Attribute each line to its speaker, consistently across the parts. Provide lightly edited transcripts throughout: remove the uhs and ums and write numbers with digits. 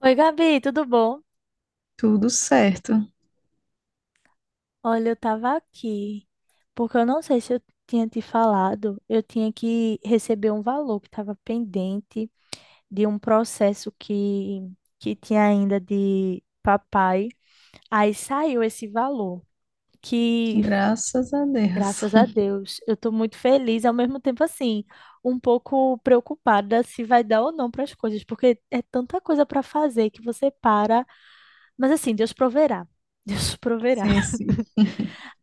Speaker 1: Oi, Gabi, tudo bom?
Speaker 2: Tudo certo,
Speaker 1: Olha, eu tava aqui porque eu não sei se eu tinha te falado, eu tinha que receber um valor que estava pendente de um processo que tinha ainda de papai. Aí saiu esse valor, que
Speaker 2: graças a Deus.
Speaker 1: graças a Deus, eu tô muito feliz, ao mesmo tempo assim, um pouco preocupada se vai dar ou não para as coisas, porque é tanta coisa para fazer que você para, mas assim, Deus proverá. Deus proverá.
Speaker 2: Sim, sim.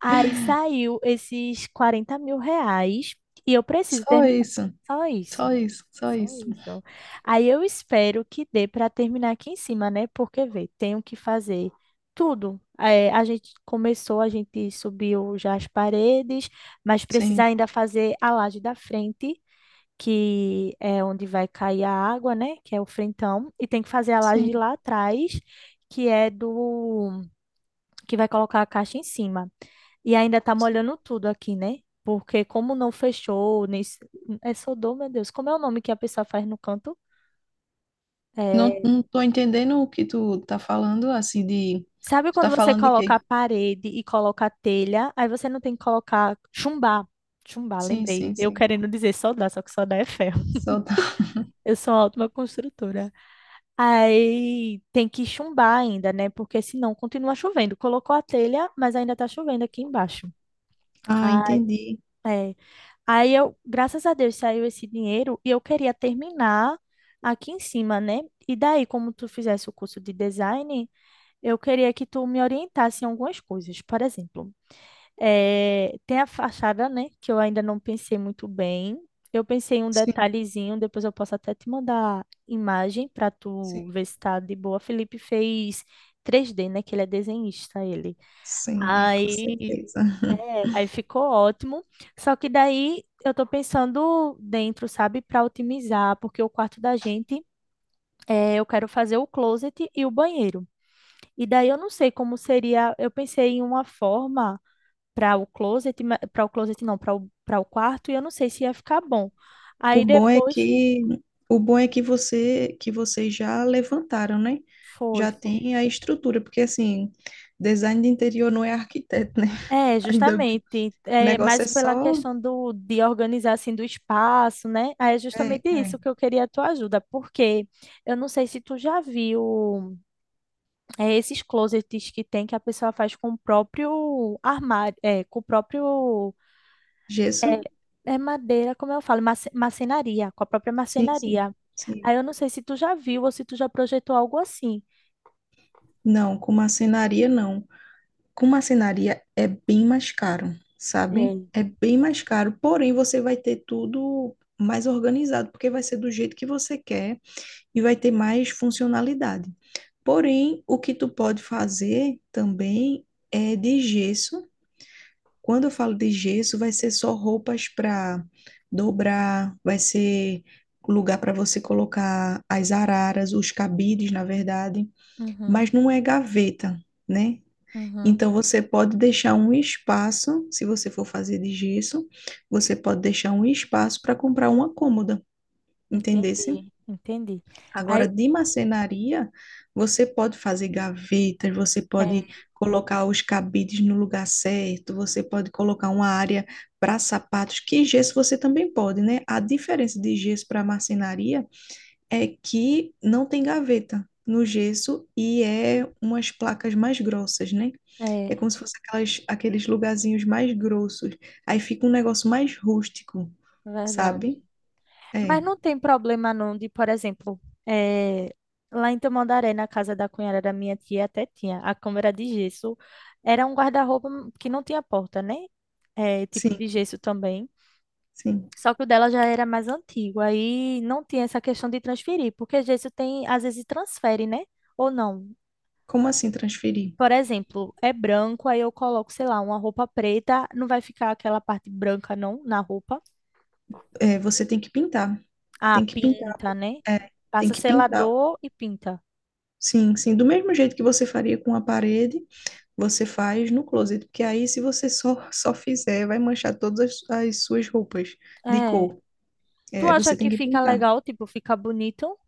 Speaker 1: Aí saiu esses R$ 40.000 e eu preciso
Speaker 2: Só
Speaker 1: terminar.
Speaker 2: isso,
Speaker 1: Só isso.
Speaker 2: só isso, só
Speaker 1: Só
Speaker 2: isso.
Speaker 1: isso. Aí eu espero que dê para terminar aqui em cima, né? Porque, vê, tenho que fazer tudo. É, a gente começou, a gente subiu já as paredes, mas precisa
Speaker 2: Sim,
Speaker 1: ainda fazer a laje da frente, que é onde vai cair a água, né? Que é o frentão. E tem que fazer a laje
Speaker 2: sim.
Speaker 1: lá atrás, que é do que vai colocar a caixa em cima. E ainda tá
Speaker 2: Sim.
Speaker 1: molhando tudo aqui, né? Porque como não fechou, nem... é soldou, meu Deus. Como é o nome que a pessoa faz no canto?
Speaker 2: Não,
Speaker 1: É.
Speaker 2: não tô entendendo o que tu tá falando, assim, de...
Speaker 1: Sabe
Speaker 2: Tu
Speaker 1: quando
Speaker 2: tá
Speaker 1: você
Speaker 2: falando de
Speaker 1: coloca a
Speaker 2: quê?
Speaker 1: parede e coloca a telha, aí você não tem que colocar chumbar. Chumbar,
Speaker 2: Sim,
Speaker 1: lembrei.
Speaker 2: sim,
Speaker 1: Eu
Speaker 2: sim.
Speaker 1: querendo dizer soldar, só que soldar é ferro.
Speaker 2: Só tá...
Speaker 1: Eu sou uma ótima construtora. Aí tem que chumbar ainda, né? Porque senão continua chovendo. Colocou a telha, mas ainda tá chovendo aqui embaixo.
Speaker 2: Ah,
Speaker 1: Ah,
Speaker 2: entendi.
Speaker 1: é. Aí eu, graças a Deus, saiu esse dinheiro e eu queria terminar aqui em cima, né? E daí, como tu fizesse o curso de design, eu queria que tu me orientasse em algumas coisas. Por exemplo, tem a fachada, né? Que eu ainda não pensei muito bem. Eu pensei em um
Speaker 2: Sim,
Speaker 1: detalhezinho, depois eu posso até te mandar imagem para tu
Speaker 2: sim,
Speaker 1: ver se tá de boa. Felipe fez 3D, né? Que ele é desenhista, ele.
Speaker 2: sim, né, com
Speaker 1: Aí
Speaker 2: certeza.
Speaker 1: Aí ficou ótimo. Só que daí eu tô pensando dentro, sabe, para otimizar, porque o quarto da gente é, eu quero fazer o closet e o banheiro. E daí eu não sei como seria. Eu pensei em uma forma para o closet, para o closet não, para o quarto, e eu não sei se ia ficar bom.
Speaker 2: O
Speaker 1: Aí
Speaker 2: bom é
Speaker 1: depois
Speaker 2: que o bom é que você que vocês já levantaram, né?
Speaker 1: foi.
Speaker 2: Já tem a estrutura, porque assim, design de interior não é arquiteto, né?
Speaker 1: É,
Speaker 2: Ainda bem.
Speaker 1: justamente,
Speaker 2: O
Speaker 1: é
Speaker 2: negócio
Speaker 1: mais
Speaker 2: é
Speaker 1: pela
Speaker 2: só
Speaker 1: questão do, de organizar assim do espaço, né? Aí é
Speaker 2: é,
Speaker 1: justamente isso
Speaker 2: é,
Speaker 1: que eu queria a tua ajuda, porque eu não sei se tu já viu é, esses closets que tem que a pessoa faz com o próprio armário, é, com o próprio é,
Speaker 2: gesso.
Speaker 1: é madeira, como eu falo, marcenaria, com a própria
Speaker 2: Sim, sim,
Speaker 1: marcenaria.
Speaker 2: sim.
Speaker 1: Aí eu não sei se tu já viu ou se tu já projetou algo assim.
Speaker 2: Não, com marcenaria não. Com marcenaria é bem mais caro, sabe?
Speaker 1: É.
Speaker 2: É bem mais caro, porém você vai ter tudo mais organizado, porque vai ser do jeito que você quer. E vai ter mais funcionalidade. Porém, o que tu pode fazer também é de gesso. Quando eu falo de gesso, vai ser só roupas para dobrar, vai ser lugar para você colocar as araras, os cabides, na verdade,
Speaker 1: Uhum,
Speaker 2: mas não é gaveta, né?
Speaker 1: uhum,
Speaker 2: Então você pode deixar um espaço, se você for fazer de gesso, você pode deixar um espaço para comprar uma cômoda, entendeu?
Speaker 1: entendi, entendi.
Speaker 2: Agora,
Speaker 1: Aí,
Speaker 2: de marcenaria, você pode fazer gavetas, você pode colocar os cabides no lugar certo, você pode colocar uma área para sapatos, que gesso você também pode, né? A diferença de gesso para marcenaria é que não tem gaveta no gesso e é umas placas mais grossas, né?
Speaker 1: é,
Speaker 2: É
Speaker 1: é,
Speaker 2: como se fosse aquelas, aqueles lugarzinhos mais grossos. Aí fica um negócio mais rústico, sabe?
Speaker 1: verdade.
Speaker 2: É,
Speaker 1: Mas não tem problema não de, por exemplo, eh, lá em Tamandaré, na casa da cunhada da minha tia, até tinha a câmera de gesso. Era um guarda-roupa que não tinha porta, né? Tipo
Speaker 2: sim,
Speaker 1: de gesso também.
Speaker 2: sim.
Speaker 1: Só que o dela já era mais antigo, aí não tinha essa questão de transferir, porque gesso tem, às vezes transfere, né? Ou não.
Speaker 2: Como assim transferir?
Speaker 1: Por exemplo, é branco, aí eu coloco, sei lá, uma roupa preta, não vai ficar aquela parte branca não na roupa.
Speaker 2: É, você tem que pintar.
Speaker 1: Ah,
Speaker 2: Tem que pintar.
Speaker 1: pinta, né?
Speaker 2: É, tem
Speaker 1: Passa
Speaker 2: que pintar.
Speaker 1: selador e pinta.
Speaker 2: Sim, sim. Do mesmo jeito que você faria com a parede, você faz no closet. Porque aí, se você só, só fizer, vai manchar todas as, as suas roupas de
Speaker 1: É.
Speaker 2: cor.
Speaker 1: Tu
Speaker 2: É, aí
Speaker 1: acha
Speaker 2: você tem
Speaker 1: que
Speaker 2: que
Speaker 1: fica
Speaker 2: pintar.
Speaker 1: legal, tipo, fica bonito?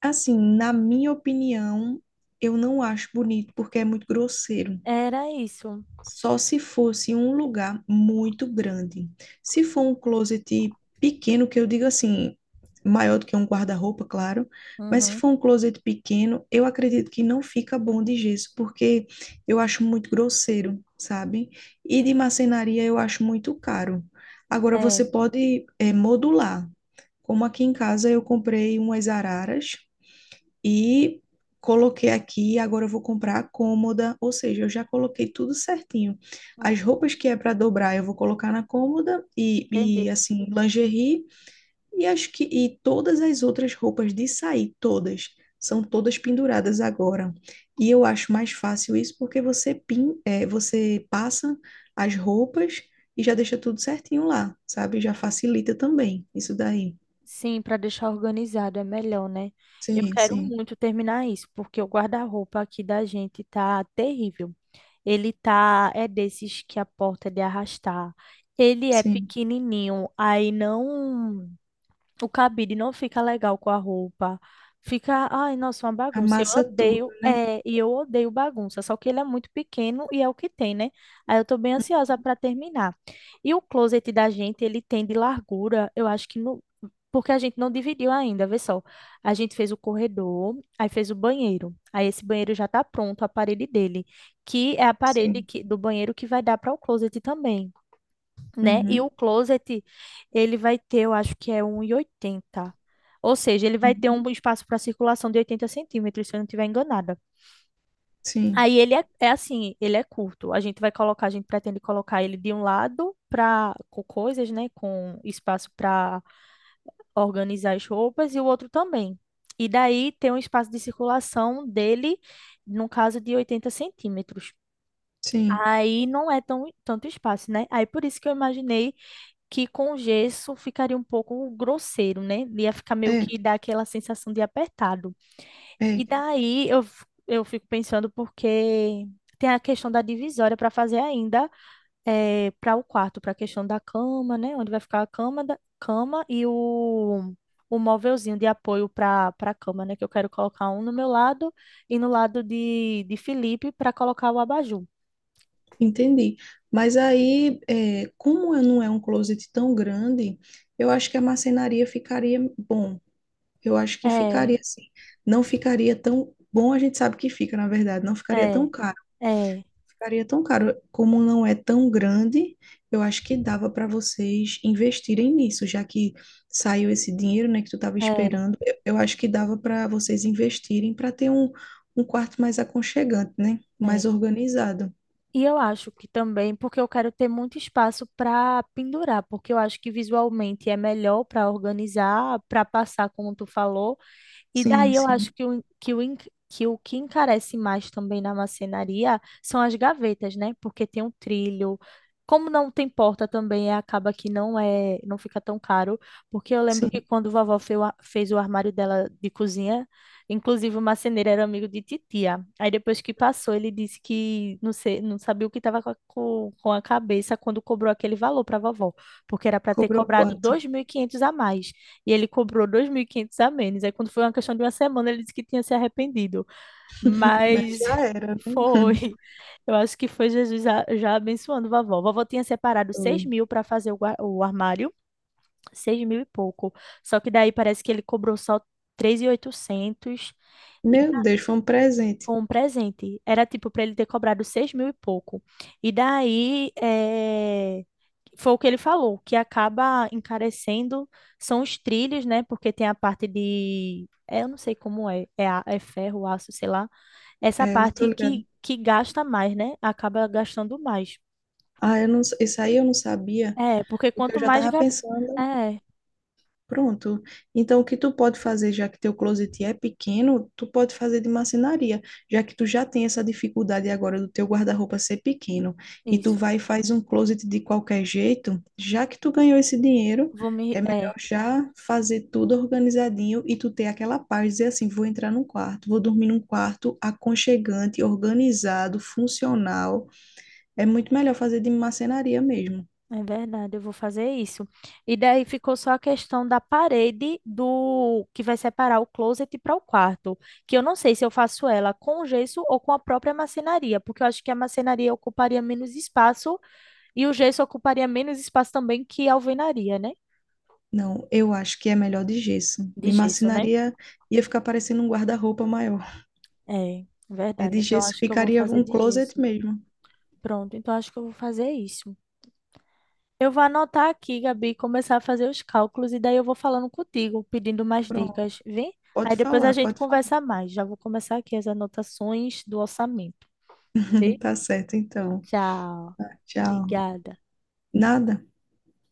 Speaker 2: Assim, na minha opinião, eu não acho bonito porque é muito grosseiro.
Speaker 1: Era isso.
Speaker 2: Só se fosse um lugar muito grande. Se for um closet pequeno, que eu digo assim, maior do que um guarda-roupa, claro, mas se
Speaker 1: Uhum.
Speaker 2: for um closet pequeno, eu acredito que não fica bom de gesso, porque eu acho muito grosseiro, sabe? E de marcenaria eu acho muito caro. Agora
Speaker 1: É.
Speaker 2: você pode modular. Como aqui em casa eu comprei umas araras e coloquei aqui, agora eu vou comprar a cômoda, ou seja, eu já coloquei tudo certinho. As
Speaker 1: Uhum.
Speaker 2: roupas que é para dobrar, eu vou colocar na cômoda
Speaker 1: Entendi.
Speaker 2: e assim, lingerie, e acho que e todas as outras roupas de sair, todas, são todas penduradas agora. E eu acho mais fácil isso porque você você passa as roupas e já deixa tudo certinho lá, sabe? Já facilita também isso daí.
Speaker 1: Sim, para deixar organizado é melhor, né? Eu
Speaker 2: Sim,
Speaker 1: quero
Speaker 2: sim,
Speaker 1: muito terminar isso, porque o guarda-roupa aqui da gente tá terrível. Ele tá, é desses que a porta é de arrastar. Ele é
Speaker 2: sim.
Speaker 1: pequenininho, aí não. O cabide não fica legal com a roupa. Fica, ai, nossa, uma bagunça. Eu
Speaker 2: Amassa tudo,
Speaker 1: odeio,
Speaker 2: né?
Speaker 1: é, e eu odeio bagunça, só que ele é muito pequeno e é o que tem, né? Aí eu tô bem ansiosa para terminar. E o closet da gente, ele tem de largura, eu acho que não, porque a gente não dividiu ainda, vê só. A gente fez o corredor, aí fez o banheiro. Aí esse banheiro já tá pronto, a parede dele, que é a parede
Speaker 2: Sim.
Speaker 1: que, do banheiro que vai dar para o closet também, né? E
Speaker 2: Uhum,
Speaker 1: o closet, ele vai ter, eu acho que é 1,80. Ou seja, ele vai ter um
Speaker 2: uhum.
Speaker 1: espaço para circulação de 80 centímetros, se eu não estiver enganada.
Speaker 2: Sim,
Speaker 1: Aí ele é, é assim, ele é curto. A gente vai colocar, a gente pretende colocar ele de um lado para com coisas, né? Com espaço para organizar as roupas e o outro também. E daí tem um espaço de circulação dele, no caso de 80 centímetros.
Speaker 2: sim,
Speaker 1: Aí não é tão, tanto espaço, né? Aí por isso que eu imaginei que com gesso ficaria um pouco grosseiro, né? Ia ficar meio
Speaker 2: é,
Speaker 1: que dar aquela sensação de apertado.
Speaker 2: é,
Speaker 1: E daí eu, eu fico pensando porque tem a questão da divisória para fazer ainda para o quarto, para a questão da cama, né? Onde vai ficar a cama, da, cama e o móvelzinho de apoio para a cama, né? Que eu quero colocar um no meu lado e no lado de Felipe para colocar o abajur.
Speaker 2: entendi. Mas aí, é, como eu não é um closet tão grande, eu acho que a marcenaria ficaria bom. Eu acho que
Speaker 1: É,
Speaker 2: ficaria assim. Não ficaria tão bom, a gente sabe que fica, na verdade, não ficaria
Speaker 1: é,
Speaker 2: tão caro.
Speaker 1: é,
Speaker 2: Ficaria tão caro. Como não é tão grande, eu acho que dava para vocês investirem nisso, já que saiu esse dinheiro, né, que tu estava
Speaker 1: é,
Speaker 2: esperando. Eu acho que dava para vocês investirem para ter um, um quarto mais aconchegante, né? Mais
Speaker 1: é.
Speaker 2: organizado.
Speaker 1: E eu acho que também, porque eu quero ter muito espaço para pendurar, porque eu acho que visualmente é melhor para organizar, para passar, como tu falou. E
Speaker 2: Sim,
Speaker 1: daí eu acho
Speaker 2: sim,
Speaker 1: que o que encarece mais também na marcenaria são as gavetas, né? Porque tem um trilho. Como não tem porta também, acaba que não é, não fica tão caro, porque eu lembro que
Speaker 2: sim.
Speaker 1: quando vovó fez o, fez o armário dela de cozinha, inclusive o marceneiro era amigo de titia. Aí depois que passou, ele disse que não sei, não sabia o que estava com, com a cabeça quando cobrou aquele valor para vovó, porque era para ter
Speaker 2: Cobrou
Speaker 1: cobrado
Speaker 2: quanto?
Speaker 1: 2.500 a mais. E ele cobrou 2.500 a menos. Aí, quando foi uma questão de uma semana, ele disse que tinha se arrependido.
Speaker 2: Mas
Speaker 1: Mas
Speaker 2: já era, né?
Speaker 1: foi. Eu acho que foi Jesus já, já abençoando vovó. Vovó tinha separado seis
Speaker 2: Foi.
Speaker 1: mil para fazer o, o armário, 6 mil e pouco. Só que daí parece que ele cobrou só 3.800.
Speaker 2: Meu Deus, foi um presente.
Speaker 1: Foi um presente. Era tipo para ele ter cobrado seis mil e pouco. E daí foi o que ele falou, que acaba encarecendo são os trilhos, né? Porque tem a parte de, é, eu não sei como é, é, é ferro, aço, sei lá. Essa
Speaker 2: É, eu tô
Speaker 1: parte
Speaker 2: ligado.
Speaker 1: que gasta mais, né? Acaba gastando mais.
Speaker 2: Ah, eu não, isso aí eu não sabia,
Speaker 1: É, porque
Speaker 2: porque eu
Speaker 1: quanto
Speaker 2: já
Speaker 1: mais.
Speaker 2: tava pensando.
Speaker 1: É,
Speaker 2: Pronto. Então, o que tu pode fazer, já que teu closet é pequeno, tu pode fazer de marcenaria, já que tu já tem essa dificuldade agora do teu guarda-roupa ser pequeno, e tu
Speaker 1: isso.
Speaker 2: vai e faz um closet de qualquer jeito, já que tu ganhou esse dinheiro,
Speaker 1: Vou me.
Speaker 2: é
Speaker 1: É.
Speaker 2: melhor já fazer tudo organizadinho e tu ter aquela paz, dizer assim, vou entrar num quarto, vou dormir num quarto aconchegante, organizado, funcional. É muito melhor fazer de marcenaria mesmo.
Speaker 1: É verdade, eu vou fazer isso. E daí ficou só a questão da parede do que vai separar o closet para o quarto, que eu não sei se eu faço ela com o gesso ou com a própria marcenaria, porque eu acho que a marcenaria ocuparia menos espaço e o gesso ocuparia menos espaço também que a alvenaria, né?
Speaker 2: Não, eu acho que é melhor de gesso.
Speaker 1: De
Speaker 2: De
Speaker 1: gesso, né?
Speaker 2: marcenaria ia ficar parecendo um guarda-roupa maior.
Speaker 1: É,
Speaker 2: É
Speaker 1: verdade.
Speaker 2: de
Speaker 1: Então
Speaker 2: gesso
Speaker 1: acho que eu vou
Speaker 2: ficaria
Speaker 1: fazer
Speaker 2: um
Speaker 1: de
Speaker 2: closet
Speaker 1: gesso.
Speaker 2: mesmo.
Speaker 1: Pronto, então acho que eu vou fazer isso. Eu vou anotar aqui, Gabi, começar a fazer os cálculos e daí eu vou falando contigo, pedindo mais dicas,
Speaker 2: Pronto,
Speaker 1: vem? Aí
Speaker 2: pode
Speaker 1: depois a
Speaker 2: falar,
Speaker 1: gente
Speaker 2: pode falar.
Speaker 1: conversa mais. Já vou começar aqui as anotações do orçamento. Vê?
Speaker 2: Tá certo, então.
Speaker 1: Tchau.
Speaker 2: Tchau.
Speaker 1: Obrigada.
Speaker 2: Nada.